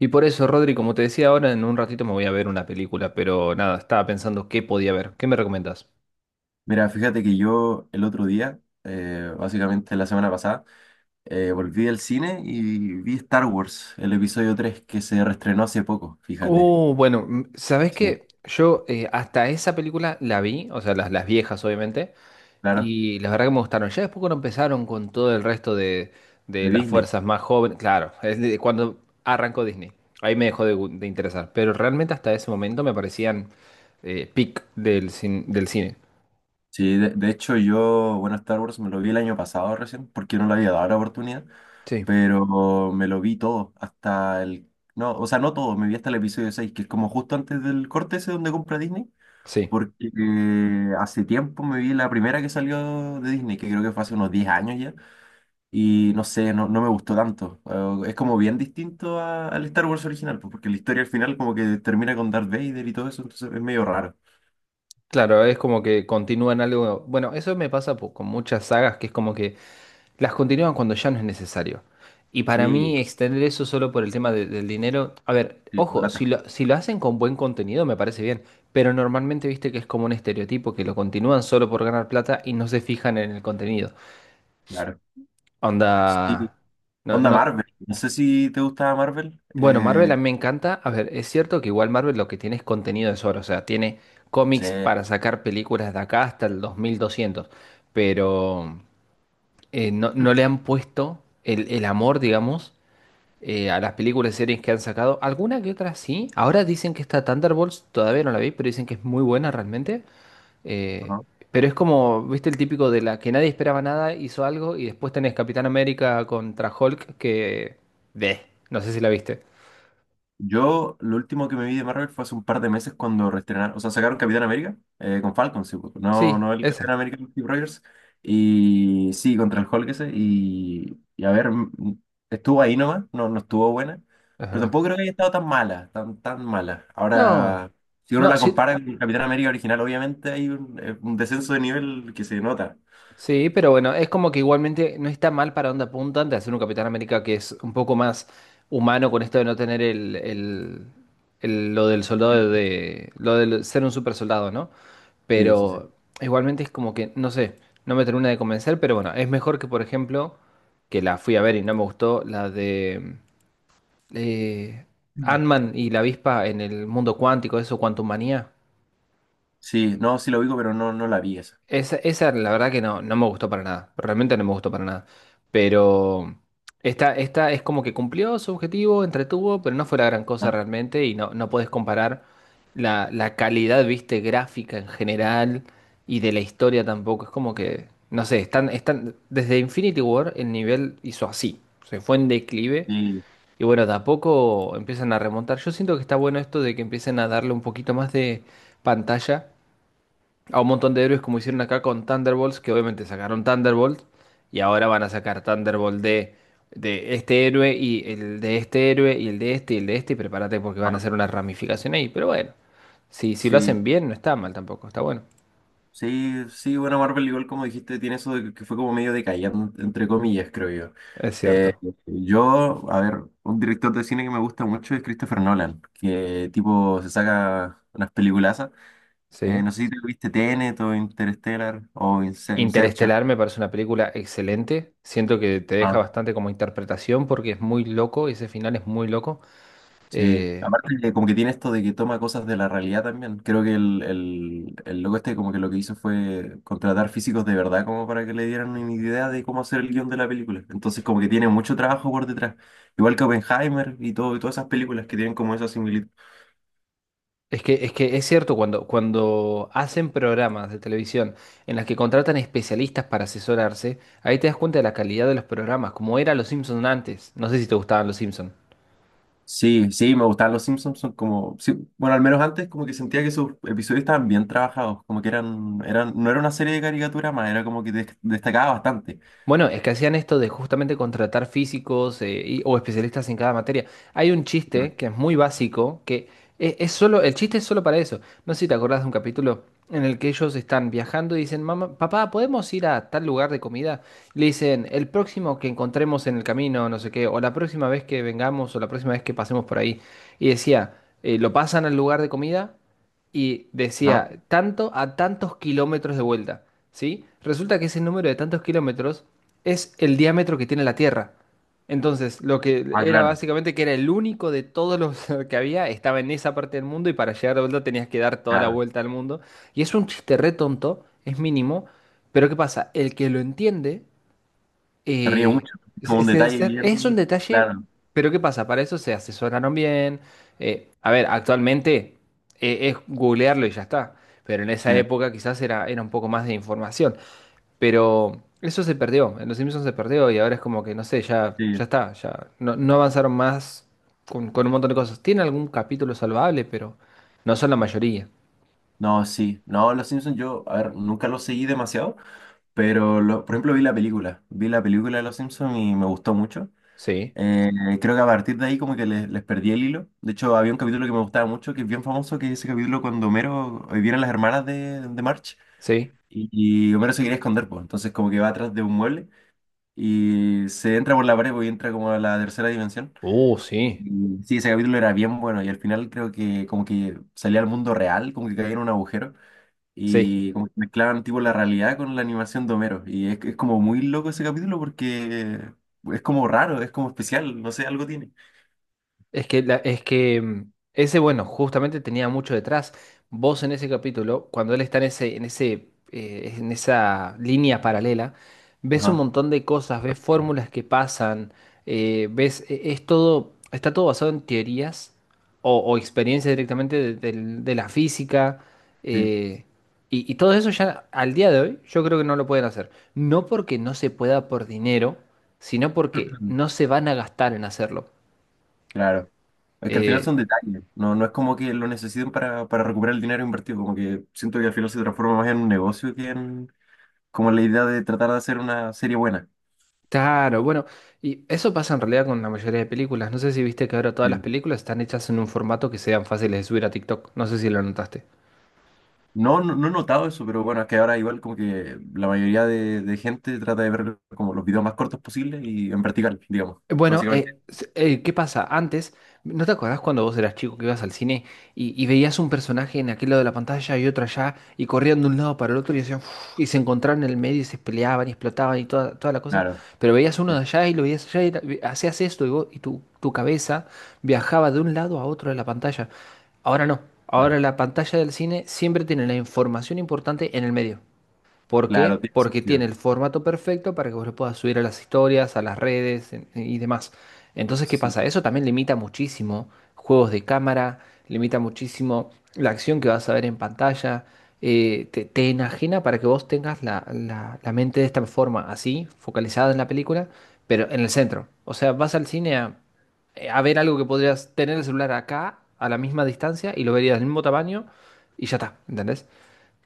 Y por eso, Rodri, como te decía ahora, en un ratito me voy a ver una película, pero nada, estaba pensando qué podía ver. ¿Qué me recomendás? Mira, fíjate que yo el otro día, básicamente la semana pasada, volví del cine y vi Star Wars, el episodio 3 que se reestrenó hace poco, fíjate. Bueno, ¿Sabés Sí, qué? Yo hasta esa película la vi, o sea, las viejas obviamente, claro, y la verdad que me gustaron. Ya después cuando empezaron con todo el resto de de las Disney. fuerzas más jóvenes, claro, es de cuando arrancó Disney, ahí me dejó de, de interesar, pero realmente hasta ese momento me parecían peak del, del cine. Sí, de hecho yo, bueno, Star Wars me lo vi el año pasado recién, porque no le había dado la oportunidad, Sí. pero me lo vi todo, hasta el... No, o sea, no todo, me vi hasta el episodio 6 que es como justo antes del corte ese donde compra Disney. Sí. Porque hace tiempo me vi la primera que salió de Disney, que creo que fue hace unos 10 años ya. Y no sé, no, no me gustó tanto. Es como bien distinto al Star Wars original, pues, porque la historia al final como que termina con Darth Vader y todo eso, entonces es medio raro. Claro, es como que continúan algo. Bueno, eso me pasa con muchas sagas que es como que las continúan cuando ya no es necesario. Y para Sí, mí, extender eso solo por el tema del dinero. A ver, sí, con ojo, lata, si lo hacen con buen contenido, me parece bien. Pero normalmente viste que es como un estereotipo que lo continúan solo por ganar plata y no se fijan en el contenido. claro. Sí, Onda. No, onda no. Marvel. No sé si te gustaba Marvel. Bueno, Marvel a mí me encanta. A ver, es cierto que igual Marvel lo que tiene es contenido de sobra, o sea, tiene Sí, cómics para sacar películas de acá hasta el 2200, pero no le han puesto el amor, digamos, a las películas y series que han sacado. Alguna que otra sí. Ahora dicen que está Thunderbolts, todavía no la vi, pero dicen que es muy buena realmente. Eh, ajá. pero es como, viste, el típico de la que nadie esperaba nada, hizo algo y después tenés Capitán América contra Hulk que... de, no sé si la viste. Yo, lo último que me vi de Marvel fue hace un par de meses cuando reestrenaron, o sea, sacaron Capitán América con Falcon, sí, pues, no, Sí, no el Capitán esa. América de Steve Rogers, y sí, contra el Hulk ese, y a ver, estuvo ahí nomás, no, no estuvo buena, Es pero verdad. tampoco creo que haya estado tan mala, tan mala. No, Ahora, si uno no, la sí, compara con el Capitán América original, obviamente hay un descenso de nivel que se nota. sí, pero bueno, es como que igualmente no está mal para dónde apuntan de hacer un Capitán América que es un poco más humano con esto de no tener lo del soldado de, lo del ser un super soldado, ¿no? Sí, sí, sí. Sí, Pero igualmente es como que, no sé, no me termina de convencer, pero bueno, es mejor que, por ejemplo, que la fui a ver y no me gustó, la de eh, mm, Ant-Man y la avispa en el mundo cuántico, eso, Quantum Manía. sí, no, sí lo digo, pero no, no la vi esa. Esa la verdad que no, no me gustó para nada. Realmente no me gustó para nada. Pero esta es como que cumplió su objetivo, entretuvo, pero no fue la gran cosa Ah, realmente. Y no, no podés comparar la calidad, viste, gráfica en general y de la historia tampoco. Es como que, no sé, están desde Infinity War el nivel hizo así. Se fue en declive. sí, Y bueno, de a poco empiezan a remontar. Yo siento que está bueno esto de que empiecen a darle un poquito más de pantalla a un montón de héroes como hicieron acá con Thunderbolts, que obviamente sacaron Thunderbolt y ahora van a sacar Thunderbolt de este héroe y el de este héroe y el de este y el de este y prepárate porque van a ah, hacer una ramificación ahí, pero bueno, si lo sí, hacen bien no está mal tampoco, está bueno. sí, sí, bueno, Marvel igual como dijiste, tiene eso de que fue como medio decayente, entre comillas, creo yo. Es Eh, cierto, yo, a ver, un director de cine que me gusta mucho es Christopher Nolan, que tipo se saca unas peliculazas. Sí. No sé si te viste Tenet o Interstellar o Inception. Interestelar me parece una película excelente, siento que te deja Ah. bastante como interpretación porque es muy loco, ese final es muy loco. Sí, Eh, aparte que como que tiene esto de que toma cosas de la realidad también. Creo que el loco este como que lo que hizo fue contratar físicos de verdad como para que le dieran una idea de cómo hacer el guión de la película. Entonces como que tiene mucho trabajo por detrás. Igual que Oppenheimer y todo, y todas esas películas que tienen como esa similitud. Es que, es que es cierto, cuando hacen programas de televisión en las que contratan especialistas para asesorarse, ahí te das cuenta de la calidad de los programas, como era Los Simpson antes. No sé si te gustaban Los Simpson. Sí, sí, me gustaban los Simpsons, son como, sí, bueno, al menos antes como que sentía que sus episodios estaban bien trabajados, como que no era una serie de caricaturas más, era como que destacaba bastante. Bueno, es que hacían esto de justamente contratar físicos o especialistas en cada materia. Hay un Ah, chiste que es muy básico, que es, solo, el chiste es solo para eso. No sé si te acordás de un capítulo en el que ellos están viajando y dicen, mamá, papá, ¿podemos ir a tal lugar de comida? Y le dicen, el próximo que encontremos en el camino, no sé qué, o la próxima vez que vengamos, o la próxima vez que pasemos por ahí. Y decía, lo pasan al lugar de comida y ah, decía, tanto a tantos kilómetros de vuelta, ¿sí? Resulta que ese número de tantos kilómetros es el diámetro que tiene la Tierra. Entonces, lo que ah, era claro, básicamente que era el único de todos los que había, estaba en esa parte del mundo y para llegar de vuelta tenías que dar toda la claro. vuelta al mundo. Y es un chiste re tonto, es mínimo, pero ¿qué pasa? El que lo entiende Se ríe eh, mucho, es como un detalle es un bien detalle, claro. pero ¿qué pasa? Para eso se asesoraron bien. A ver, actualmente es googlearlo y ya está. Pero en esa Sí, época quizás era un poco más de información. Pero eso se perdió, en Los Simpsons se perdió y ahora es como que, no sé, sí. ya está, ya no avanzaron más con un montón de cosas. Tiene algún capítulo salvable, pero no son la mayoría. No, sí. No, Los Simpsons yo, a ver, nunca los seguí demasiado, pero por ejemplo vi la película. Vi la película de Los Simpsons y me gustó mucho. Sí, Eh, creo que a partir de ahí como que les perdí el hilo. De hecho, había un capítulo que me gustaba mucho, que es bien famoso, que es ese capítulo cuando Homero vienen las hermanas de March sí. y, y Homero se quiere esconder, pues. Entonces como que va atrás de un mueble y se entra por la pared pues, y entra como a la tercera dimensión. Sí, Y sí, ese capítulo era bien bueno y al final creo que como que salía al mundo real, como que caía en un agujero sí. y como que mezclaban tipo la realidad con la animación de Homero. Y es como muy loco ese capítulo porque es como raro, es como especial, no sé, algo tiene. Es que, es que ese, bueno, justamente tenía mucho detrás. Vos en ese capítulo, cuando él está en esa línea paralela, ves un Ajá, montón de cosas, ves fórmulas que pasan, es todo, está todo basado en teorías o experiencias directamente de la física. sí, eh, y, y todo eso ya al día de hoy, yo creo que no lo pueden hacer. No porque no se pueda por dinero, sino porque no se van a gastar en hacerlo. claro. Es que al final Eh, son detalles, no, no es como que lo necesiten para recuperar el dinero invertido, como que siento que al final se transforma más en un negocio que en como la idea de tratar de hacer una serie buena. Claro, bueno, y eso pasa en realidad con la mayoría de películas. No sé si viste que ahora todas Eh, las películas están hechas en un formato que sean fáciles de subir a TikTok. No sé si lo notaste. No, no, no he notado eso, pero bueno, es que ahora igual como que la mayoría de gente trata de ver como los videos más cortos posibles y en vertical, digamos, Bueno, básicamente. ¿Qué pasa? Antes, ¿no te acordás cuando vos eras chico que ibas al cine y veías un personaje en aquel lado de la pantalla y otro allá y corrían de un lado para el otro y, hacían uf, y se encontraban en el medio y se peleaban y explotaban y toda, toda la cosa? Claro, Pero veías uno sí, de allá y lo veías allá y hacías esto y, y tu cabeza viajaba de un lado a otro de la pantalla. Ahora no, claro, ahora la pantalla del cine siempre tiene la información importante en el medio. ¿Por claro, qué? tiene Porque sentido. tiene el formato perfecto para que vos lo puedas subir a las historias, a las redes y demás. Entonces, ¿qué Sí. pasa? Eso también limita muchísimo juegos de cámara, limita muchísimo la acción que vas a ver en pantalla, te enajena para que vos tengas la mente de esta forma, así, focalizada en la película, pero en el centro. O sea, vas al cine a ver algo que podrías tener el celular acá, a la misma distancia, y lo verías del mismo tamaño, y ya está, ¿entendés?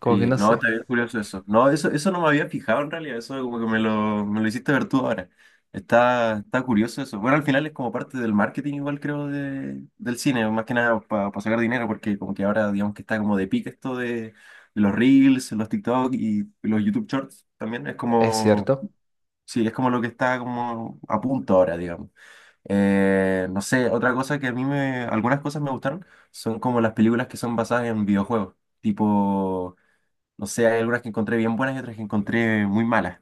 Como que Sí, no no, sé, está bien curioso eso. No, eso no me había fijado en realidad, eso como que me lo hiciste ver tú ahora. Está, está curioso eso. Bueno, al final es como parte del marketing igual creo de, del cine, más que nada para sacar dinero, porque como que ahora digamos que está como de pique esto de los Reels, los TikTok y los YouTube Shorts también. Es es como, cierto. sí, es como lo que está como a punto ahora, digamos. No sé, otra cosa que a mí me, algunas cosas me gustaron son como las películas que son basadas en videojuegos, tipo... No sé, hay algunas que encontré bien buenas y otras que encontré muy malas.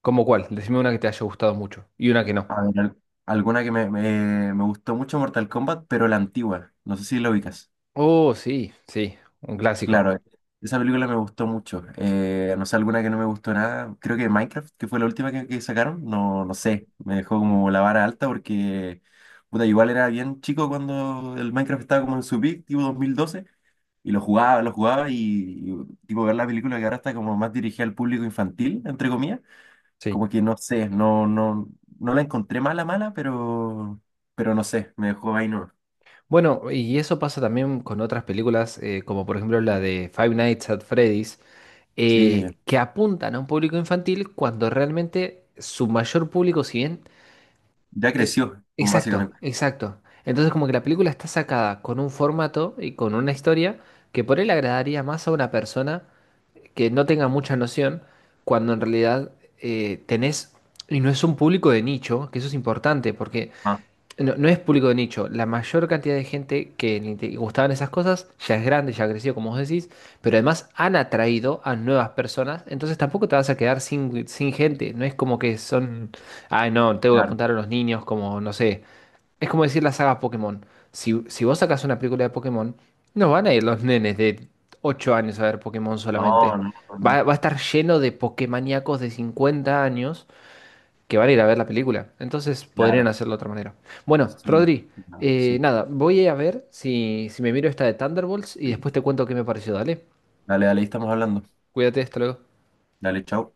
¿Cómo cuál? Decime una que te haya gustado mucho y una que no. A ver, alguna que me gustó mucho Mortal Kombat, pero la antigua. No sé si la ubicas. Oh, sí, sí, un clásico, Claro, esa película me gustó mucho. No sé, alguna que no me gustó nada. Creo que Minecraft, que fue la última que sacaron. No, no sé, me dejó como la vara alta porque, puta, igual era bien chico cuando el Minecraft estaba como en su peak, tipo 2012. Y lo jugaba y, tipo ver la película que ahora está como más dirigida al público infantil, entre comillas. sí. Como que no sé, no, no, no la encontré mala, mala, pero no sé, me dejó ahí no. Bueno, y eso pasa también con otras películas, como por ejemplo la de Five Nights at Freddy's, Sí, que apuntan a un público infantil cuando realmente su mayor público, si bien... ya eh, creció, como exacto, básicamente. exacto. Entonces como que la película está sacada con un formato y con una historia que por él agradaría más a una persona que no tenga mucha noción, cuando en realidad eh, tenés, y no es un público de nicho, que eso es importante, porque Ah, no, no es público de nicho. La mayor cantidad de gente que le gustaban esas cosas ya es grande, ya creció, como vos decís, pero además han atraído a nuevas personas, entonces tampoco te vas a quedar sin, sin gente. No es como que son, ay, no, tengo que claro. apuntar a los niños, como, no sé. Es como decir la saga Pokémon. Si vos sacás una película de Pokémon, no van a ir los nenes de 8 años a ver Pokémon No, solamente. no, no, Va a estar lleno de Pokémaníacos de 50 años que van a ir a ver la película. Entonces podrían claro. hacerlo de otra manera. Bueno, Sí, Rodri, no, sí. nada, voy a ver si me miro esta de Thunderbolts y después te cuento qué me pareció. Dale, Dale, dale, ahí estamos hablando. cuídate, hasta luego. Dale, chao.